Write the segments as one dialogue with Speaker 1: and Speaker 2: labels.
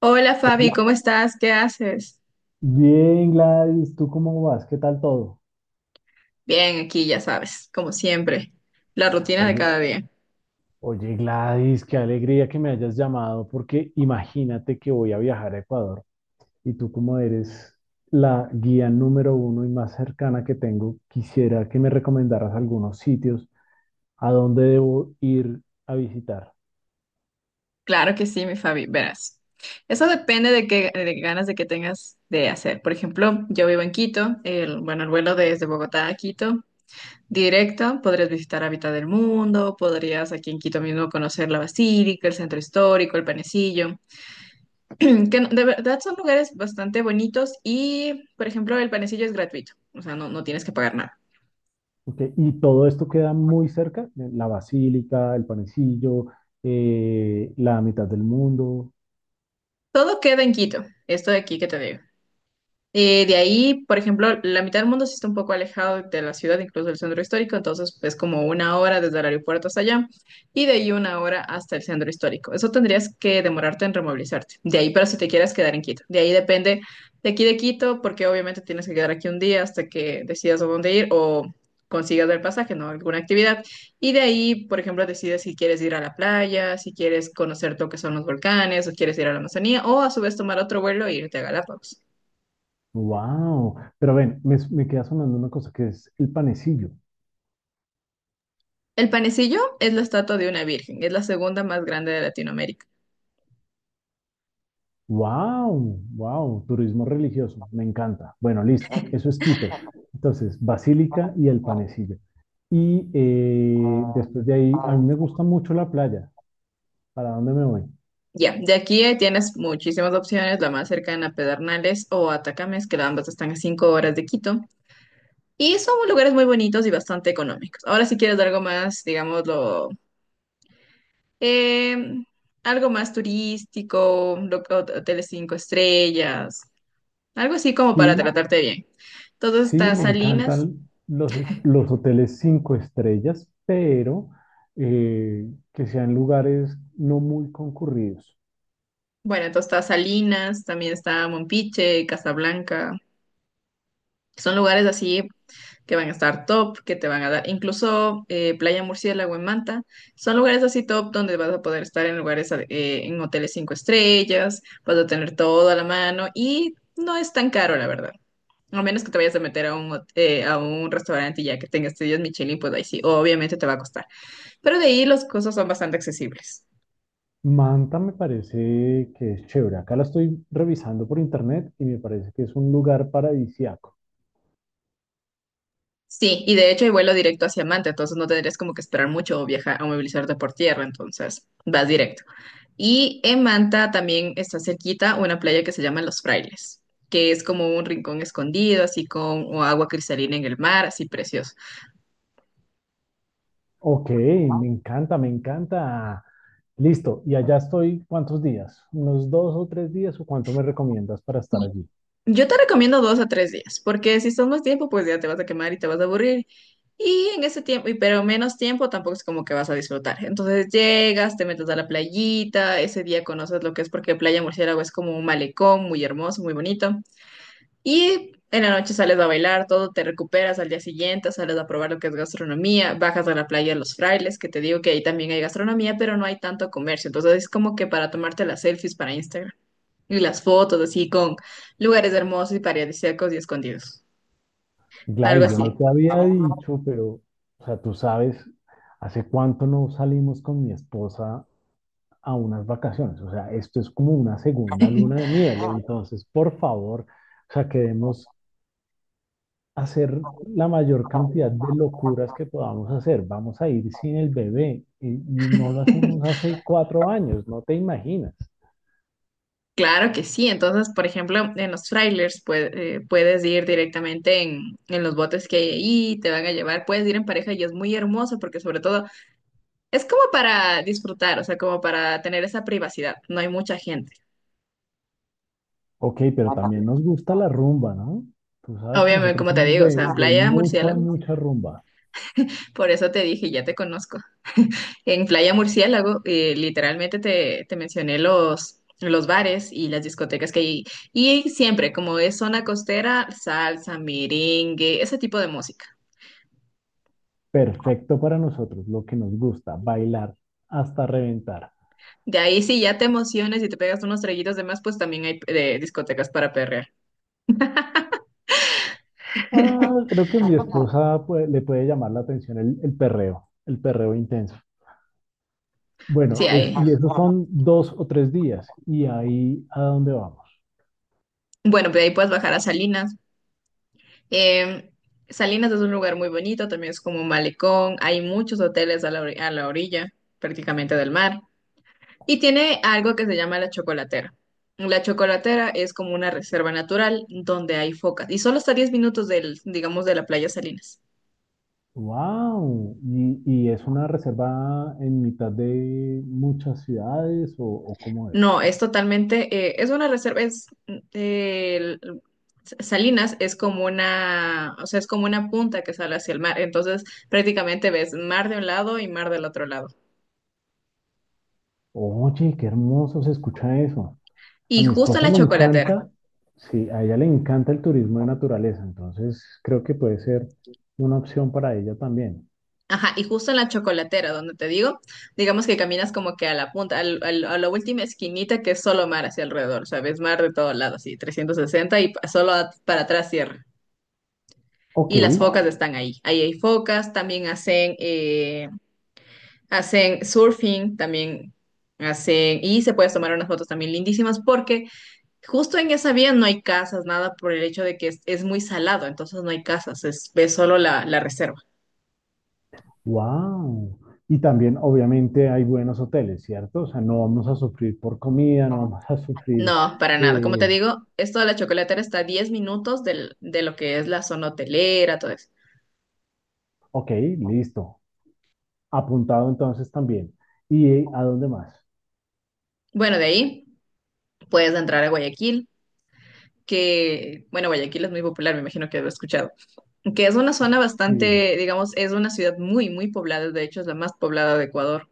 Speaker 1: Hola Fabi,
Speaker 2: Hola.
Speaker 1: ¿cómo estás? ¿Qué haces?
Speaker 2: Bien, Gladys, ¿tú cómo vas? ¿Qué tal todo?
Speaker 1: Bien, aquí ya sabes, como siempre, la rutina de
Speaker 2: Oye,
Speaker 1: cada día.
Speaker 2: oye, Gladys, qué alegría que me hayas llamado, porque imagínate que voy a viajar a Ecuador y tú como eres la guía número uno y más cercana que tengo, quisiera que me recomendaras algunos sitios a dónde debo ir a visitar.
Speaker 1: Claro que sí, mi Fabi, verás. Eso depende de qué ganas de que tengas de hacer. Por ejemplo, yo vivo en Quito, el vuelo desde Bogotá a Quito, directo, podrías visitar Hábitat del Mundo, podrías aquí en Quito mismo conocer la Basílica, el Centro Histórico, el Panecillo, que no- de verdad son lugares bastante bonitos y, por ejemplo, el Panecillo es gratuito, o sea, no tienes que pagar nada.
Speaker 2: Ok, y todo esto queda muy cerca, la Basílica, el Panecillo, la mitad del mundo.
Speaker 1: Todo queda en Quito, esto de aquí que te digo. De ahí, por ejemplo, la mitad del mundo sí está un poco alejado de la ciudad, incluso del centro histórico, entonces es como una hora desde el aeropuerto hasta allá y de ahí una hora hasta el centro histórico. Eso tendrías que demorarte en removilizarte. De ahí, pero si te quieres quedar en Quito. De ahí depende de aquí de Quito, porque obviamente tienes que quedar aquí un día hasta que decidas a dónde ir o consigas el pasaje, ¿no? Alguna actividad. Y de ahí, por ejemplo, decides si quieres ir a la playa, si quieres conocer lo que son los volcanes, o quieres ir a la Amazonía, o a su vez tomar otro vuelo e irte a Galápagos.
Speaker 2: Wow, pero ven, me queda sonando una cosa que es el panecillo.
Speaker 1: El panecillo es la estatua de una virgen, es la segunda más grande de Latinoamérica.
Speaker 2: Wow, wow, turismo religioso, me encanta. Bueno, listo, eso es Quito. Entonces, Basílica y el panecillo. Y después de ahí, a mí me gusta mucho la playa. ¿Para dónde me voy?
Speaker 1: Ya, de aquí tienes muchísimas opciones, la más cercana a Pedernales o Atacames, que ambas están a 5 horas de Quito, y son lugares muy bonitos y bastante económicos. Ahora, si quieres algo más, digámoslo, em, algo más turístico, hoteles 5 estrellas, algo así como para
Speaker 2: Sí,
Speaker 1: tratarte bien. Entonces
Speaker 2: sí,
Speaker 1: está
Speaker 2: me
Speaker 1: Salinas,
Speaker 2: encantan los hoteles 5 estrellas, pero eh, que sean lugares no muy concurridos.
Speaker 1: bueno, entonces está Salinas, también está Mompiche, Casablanca, son lugares así que van a estar top, que te van a dar, incluso Playa Murciélago en Manta, son lugares así top donde vas a poder estar en lugares, en hoteles 5 estrellas, vas a tener todo a la mano y no es tan caro, la verdad. A menos que te vayas a meter a a un restaurante y ya que tengas estudios Michelin, pues ahí sí, obviamente te va a costar. Pero de ahí las cosas son bastante accesibles.
Speaker 2: Manta me parece que es chévere. Acá la estoy revisando por internet y me parece que es un lugar paradisiaco.
Speaker 1: Sí, y de hecho hay vuelo directo hacia Manta, entonces no tendrías como que esperar mucho o viajar o movilizarte por tierra, entonces vas directo. Y en Manta también está cerquita una playa que se llama Los Frailes, que es como un rincón escondido, así con o agua cristalina en el mar, así precioso.
Speaker 2: Ok, me encanta, me encanta. Listo, y allá estoy, ¿cuántos días? ¿Unos 2 o 3 días o cuánto me recomiendas para estar allí?
Speaker 1: Yo te recomiendo 2 a 3 días, porque si son más tiempo, pues ya te vas a quemar y te vas a aburrir. Y en ese tiempo, y pero menos tiempo, tampoco es como que vas a disfrutar. Entonces llegas, te metes a la playita, ese día conoces lo que es, porque Playa Murciélago es como un malecón muy hermoso, muy bonito. Y en la noche sales a bailar, todo, te recuperas al día siguiente, sales a probar lo que es gastronomía, bajas a la playa de los Frailes, que te digo que ahí también hay gastronomía, pero no hay tanto comercio. Entonces es como que para tomarte las selfies para Instagram y las fotos así con lugares hermosos y paradisíacos y escondidos. Algo
Speaker 2: Gladys, yo
Speaker 1: así.
Speaker 2: no te había dicho, pero, o sea, tú sabes, hace cuánto no salimos con mi esposa a unas vacaciones. O sea, esto es como una segunda luna de miel. Entonces, por favor, o sea, quedemos hacer la mayor cantidad de locuras que podamos hacer. Vamos a ir sin el bebé y, no lo hacemos hace 4 años, no te imaginas.
Speaker 1: Claro que sí. Entonces, por ejemplo, en los trailers puedes ir directamente en los botes que hay ahí, te van a llevar, puedes ir en pareja y es muy hermoso porque sobre todo es como para disfrutar, o sea, como para tener esa privacidad. No hay mucha gente.
Speaker 2: Ok, pero también nos gusta la rumba, ¿no? Tú sabes que
Speaker 1: Obviamente,
Speaker 2: nosotros
Speaker 1: como te
Speaker 2: somos
Speaker 1: digo, o sea,
Speaker 2: de,
Speaker 1: en
Speaker 2: de
Speaker 1: Playa
Speaker 2: mucha,
Speaker 1: Murciélago,
Speaker 2: mucha rumba.
Speaker 1: por eso te dije, ya te conozco. En Playa Murciélago, literalmente te mencioné los bares y las discotecas que hay. Y siempre, como es zona costera, salsa, merengue, ese tipo de música.
Speaker 2: Perfecto para nosotros, lo que nos gusta, bailar hasta reventar.
Speaker 1: De ahí, si ya te emociones y te pegas unos traguitos de más, pues también hay discotecas para perrear.
Speaker 2: Ah, creo que mi esposa pues, le puede llamar la atención el perreo, el perreo intenso.
Speaker 1: Sí,
Speaker 2: Bueno,
Speaker 1: hay.
Speaker 2: y esos son 2 o 3 días, y ahí a dónde vamos.
Speaker 1: Bueno, pues de ahí puedes bajar a Salinas. Eh, Salinas es un lugar muy bonito, también es como un malecón, hay muchos hoteles a la orilla prácticamente del mar y tiene algo que se llama la chocolatera. La chocolatera es como una reserva natural donde hay focas y solo está a 10 minutos del, digamos, de la playa Salinas.
Speaker 2: Wow, ¿Y es una reserva en mitad de muchas ciudades o cómo es?
Speaker 1: No, es totalmente, es una reserva, Salinas es como una, o sea, es como una punta que sale hacia el mar, entonces prácticamente ves mar de un lado y mar del otro lado.
Speaker 2: Oye, qué hermoso se escucha eso. A
Speaker 1: Y
Speaker 2: mi
Speaker 1: justo en
Speaker 2: esposa
Speaker 1: la
Speaker 2: le
Speaker 1: chocolatera.
Speaker 2: encanta, sí, a ella le encanta el turismo de naturaleza, entonces creo que puede ser una opción para ella también.
Speaker 1: Ajá, y justo en la chocolatera, donde te digo, digamos que caminas como que a la punta, a la última esquinita que es solo mar hacia alrededor, ¿sabes? Mar de todos lados, así, 360 para atrás cierra.
Speaker 2: Ok,
Speaker 1: Y las focas están ahí. Ahí hay focas, también hacen, hacen surfing, y se puedes tomar unas fotos también lindísimas porque justo en esa vía no hay casas, nada por el hecho de que es muy salado, entonces no hay casas, ves solo la reserva.
Speaker 2: wow. Y también obviamente hay buenos hoteles, ¿cierto? O sea, no vamos a sufrir por comida, no vamos a sufrir...
Speaker 1: No, para nada. Como te
Speaker 2: eh,
Speaker 1: digo, esto de la chocolatera está a 10 minutos de lo que es la zona hotelera, todo eso.
Speaker 2: ok, listo. Apuntado entonces también. ¿Y a dónde más?
Speaker 1: Bueno, de ahí puedes entrar a Guayaquil, que, bueno, Guayaquil es muy popular, me imagino que lo he escuchado, que es una zona
Speaker 2: Sí.
Speaker 1: bastante, digamos, es una ciudad muy, muy poblada, de hecho es la más poblada de Ecuador,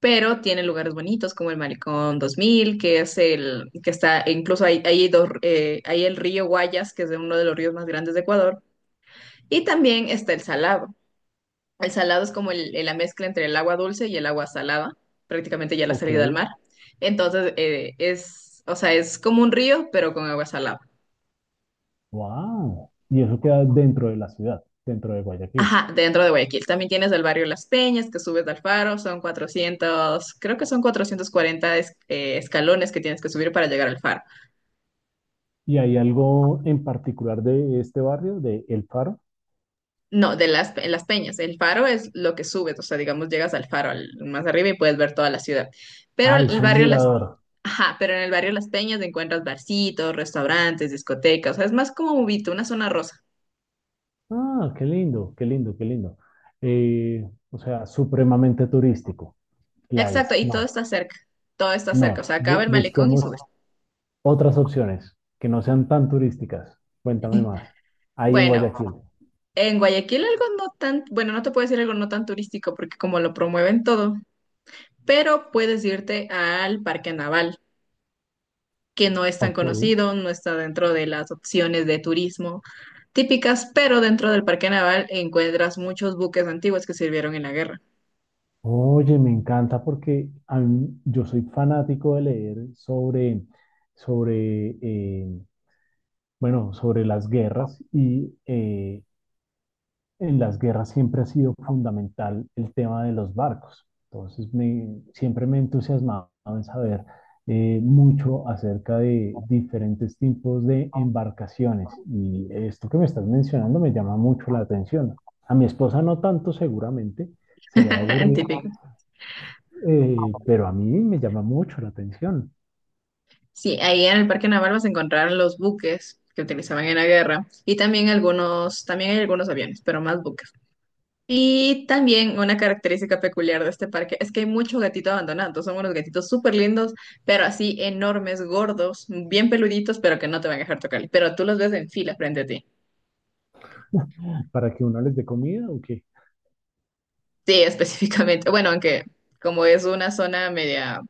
Speaker 1: pero tiene lugares bonitos como el Malecón 2000, que es el, que está, e incluso hay el río Guayas, que es de uno de los ríos más grandes de Ecuador, y también está el Salado. El salado es como la mezcla entre el agua dulce y el agua salada, prácticamente ya la
Speaker 2: Ok.
Speaker 1: salida al mar. Entonces, o sea, es como un río, pero con agua salada.
Speaker 2: Wow. Y eso queda dentro de la ciudad, dentro de Guayaquil.
Speaker 1: Ajá, dentro de Guayaquil. También tienes el barrio Las Peñas, que subes al faro, son 400, creo que son 440 escalones que tienes que subir para llegar al faro.
Speaker 2: ¿Y hay algo en particular de este barrio, de El Faro?
Speaker 1: No, en las peñas. El faro es lo que subes, o sea, digamos, llegas al faro más arriba y puedes ver toda la ciudad. Pero
Speaker 2: Ah, es
Speaker 1: el
Speaker 2: un
Speaker 1: barrio Las...
Speaker 2: mirador.
Speaker 1: Ajá, pero en el barrio Las Peñas encuentras barcitos, restaurantes, discotecas, o sea, es más como Ubito, una zona rosa.
Speaker 2: Ah, qué lindo, qué lindo, qué lindo. O sea, supremamente turístico.
Speaker 1: Exacto,
Speaker 2: Gladys,
Speaker 1: y
Speaker 2: no,
Speaker 1: todo está cerca, o
Speaker 2: no.
Speaker 1: sea, acaba el malecón y
Speaker 2: Busquemos
Speaker 1: subes.
Speaker 2: otras opciones que no sean tan turísticas. Cuéntame más. Ahí en
Speaker 1: Bueno,
Speaker 2: Guayaquil.
Speaker 1: en Guayaquil algo no tan, bueno, no te puedo decir algo no tan turístico porque como lo promueven todo, pero puedes irte al Parque Naval, que no es tan
Speaker 2: Ok.
Speaker 1: conocido, no está dentro de las opciones de turismo típicas, pero dentro del parque naval encuentras muchos buques antiguos que sirvieron en la guerra.
Speaker 2: Oye, me encanta porque yo soy fanático de leer sobre, eh, bueno, sobre las guerras y en las guerras siempre ha sido fundamental el tema de los barcos. Entonces, siempre me he entusiasmado en saber mucho acerca de diferentes tipos de embarcaciones y esto que me estás mencionando me llama mucho la atención. A mi esposa no tanto, seguramente, se va a aburrir
Speaker 1: Típico.
Speaker 2: pero a mí me llama mucho la atención.
Speaker 1: Sí, ahí en el parque naval vas a encontrar los buques que utilizaban en la guerra y también hay algunos aviones, pero más buques. Y también una característica peculiar de este parque es que hay mucho gatito abandonado. Son unos gatitos súper lindos, pero así enormes, gordos, bien peluditos, pero que no te van a dejar tocar. Pero tú los ves en fila frente a ti.
Speaker 2: ¿Para que uno les dé comida o qué?
Speaker 1: Sí, específicamente. Bueno, aunque como es una zona media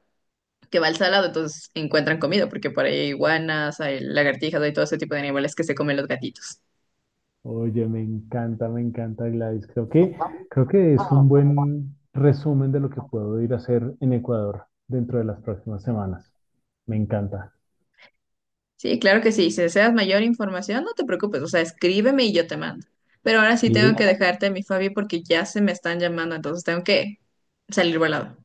Speaker 1: que va al salado, entonces encuentran comida, porque por ahí hay iguanas, hay lagartijas, hay todo ese tipo de animales que se comen los gatitos.
Speaker 2: Oye, me encanta Gladys. Creo que es un buen resumen de lo que puedo ir a hacer en Ecuador dentro de las próximas semanas. Me encanta.
Speaker 1: Sí, claro que sí. Si deseas mayor información, no te preocupes, o sea, escríbeme y yo te mando. Pero ahora sí tengo que
Speaker 2: Y
Speaker 1: dejarte, mi Fabi, porque ya se me están llamando, entonces tengo que salir volado.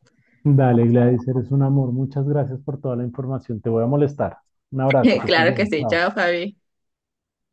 Speaker 2: dale, Gladys, eres un amor. Muchas gracias por toda la información. Te voy a molestar. Un abrazo, que estés
Speaker 1: Claro que
Speaker 2: bien.
Speaker 1: sí.
Speaker 2: Chao.
Speaker 1: Chao, Fabi.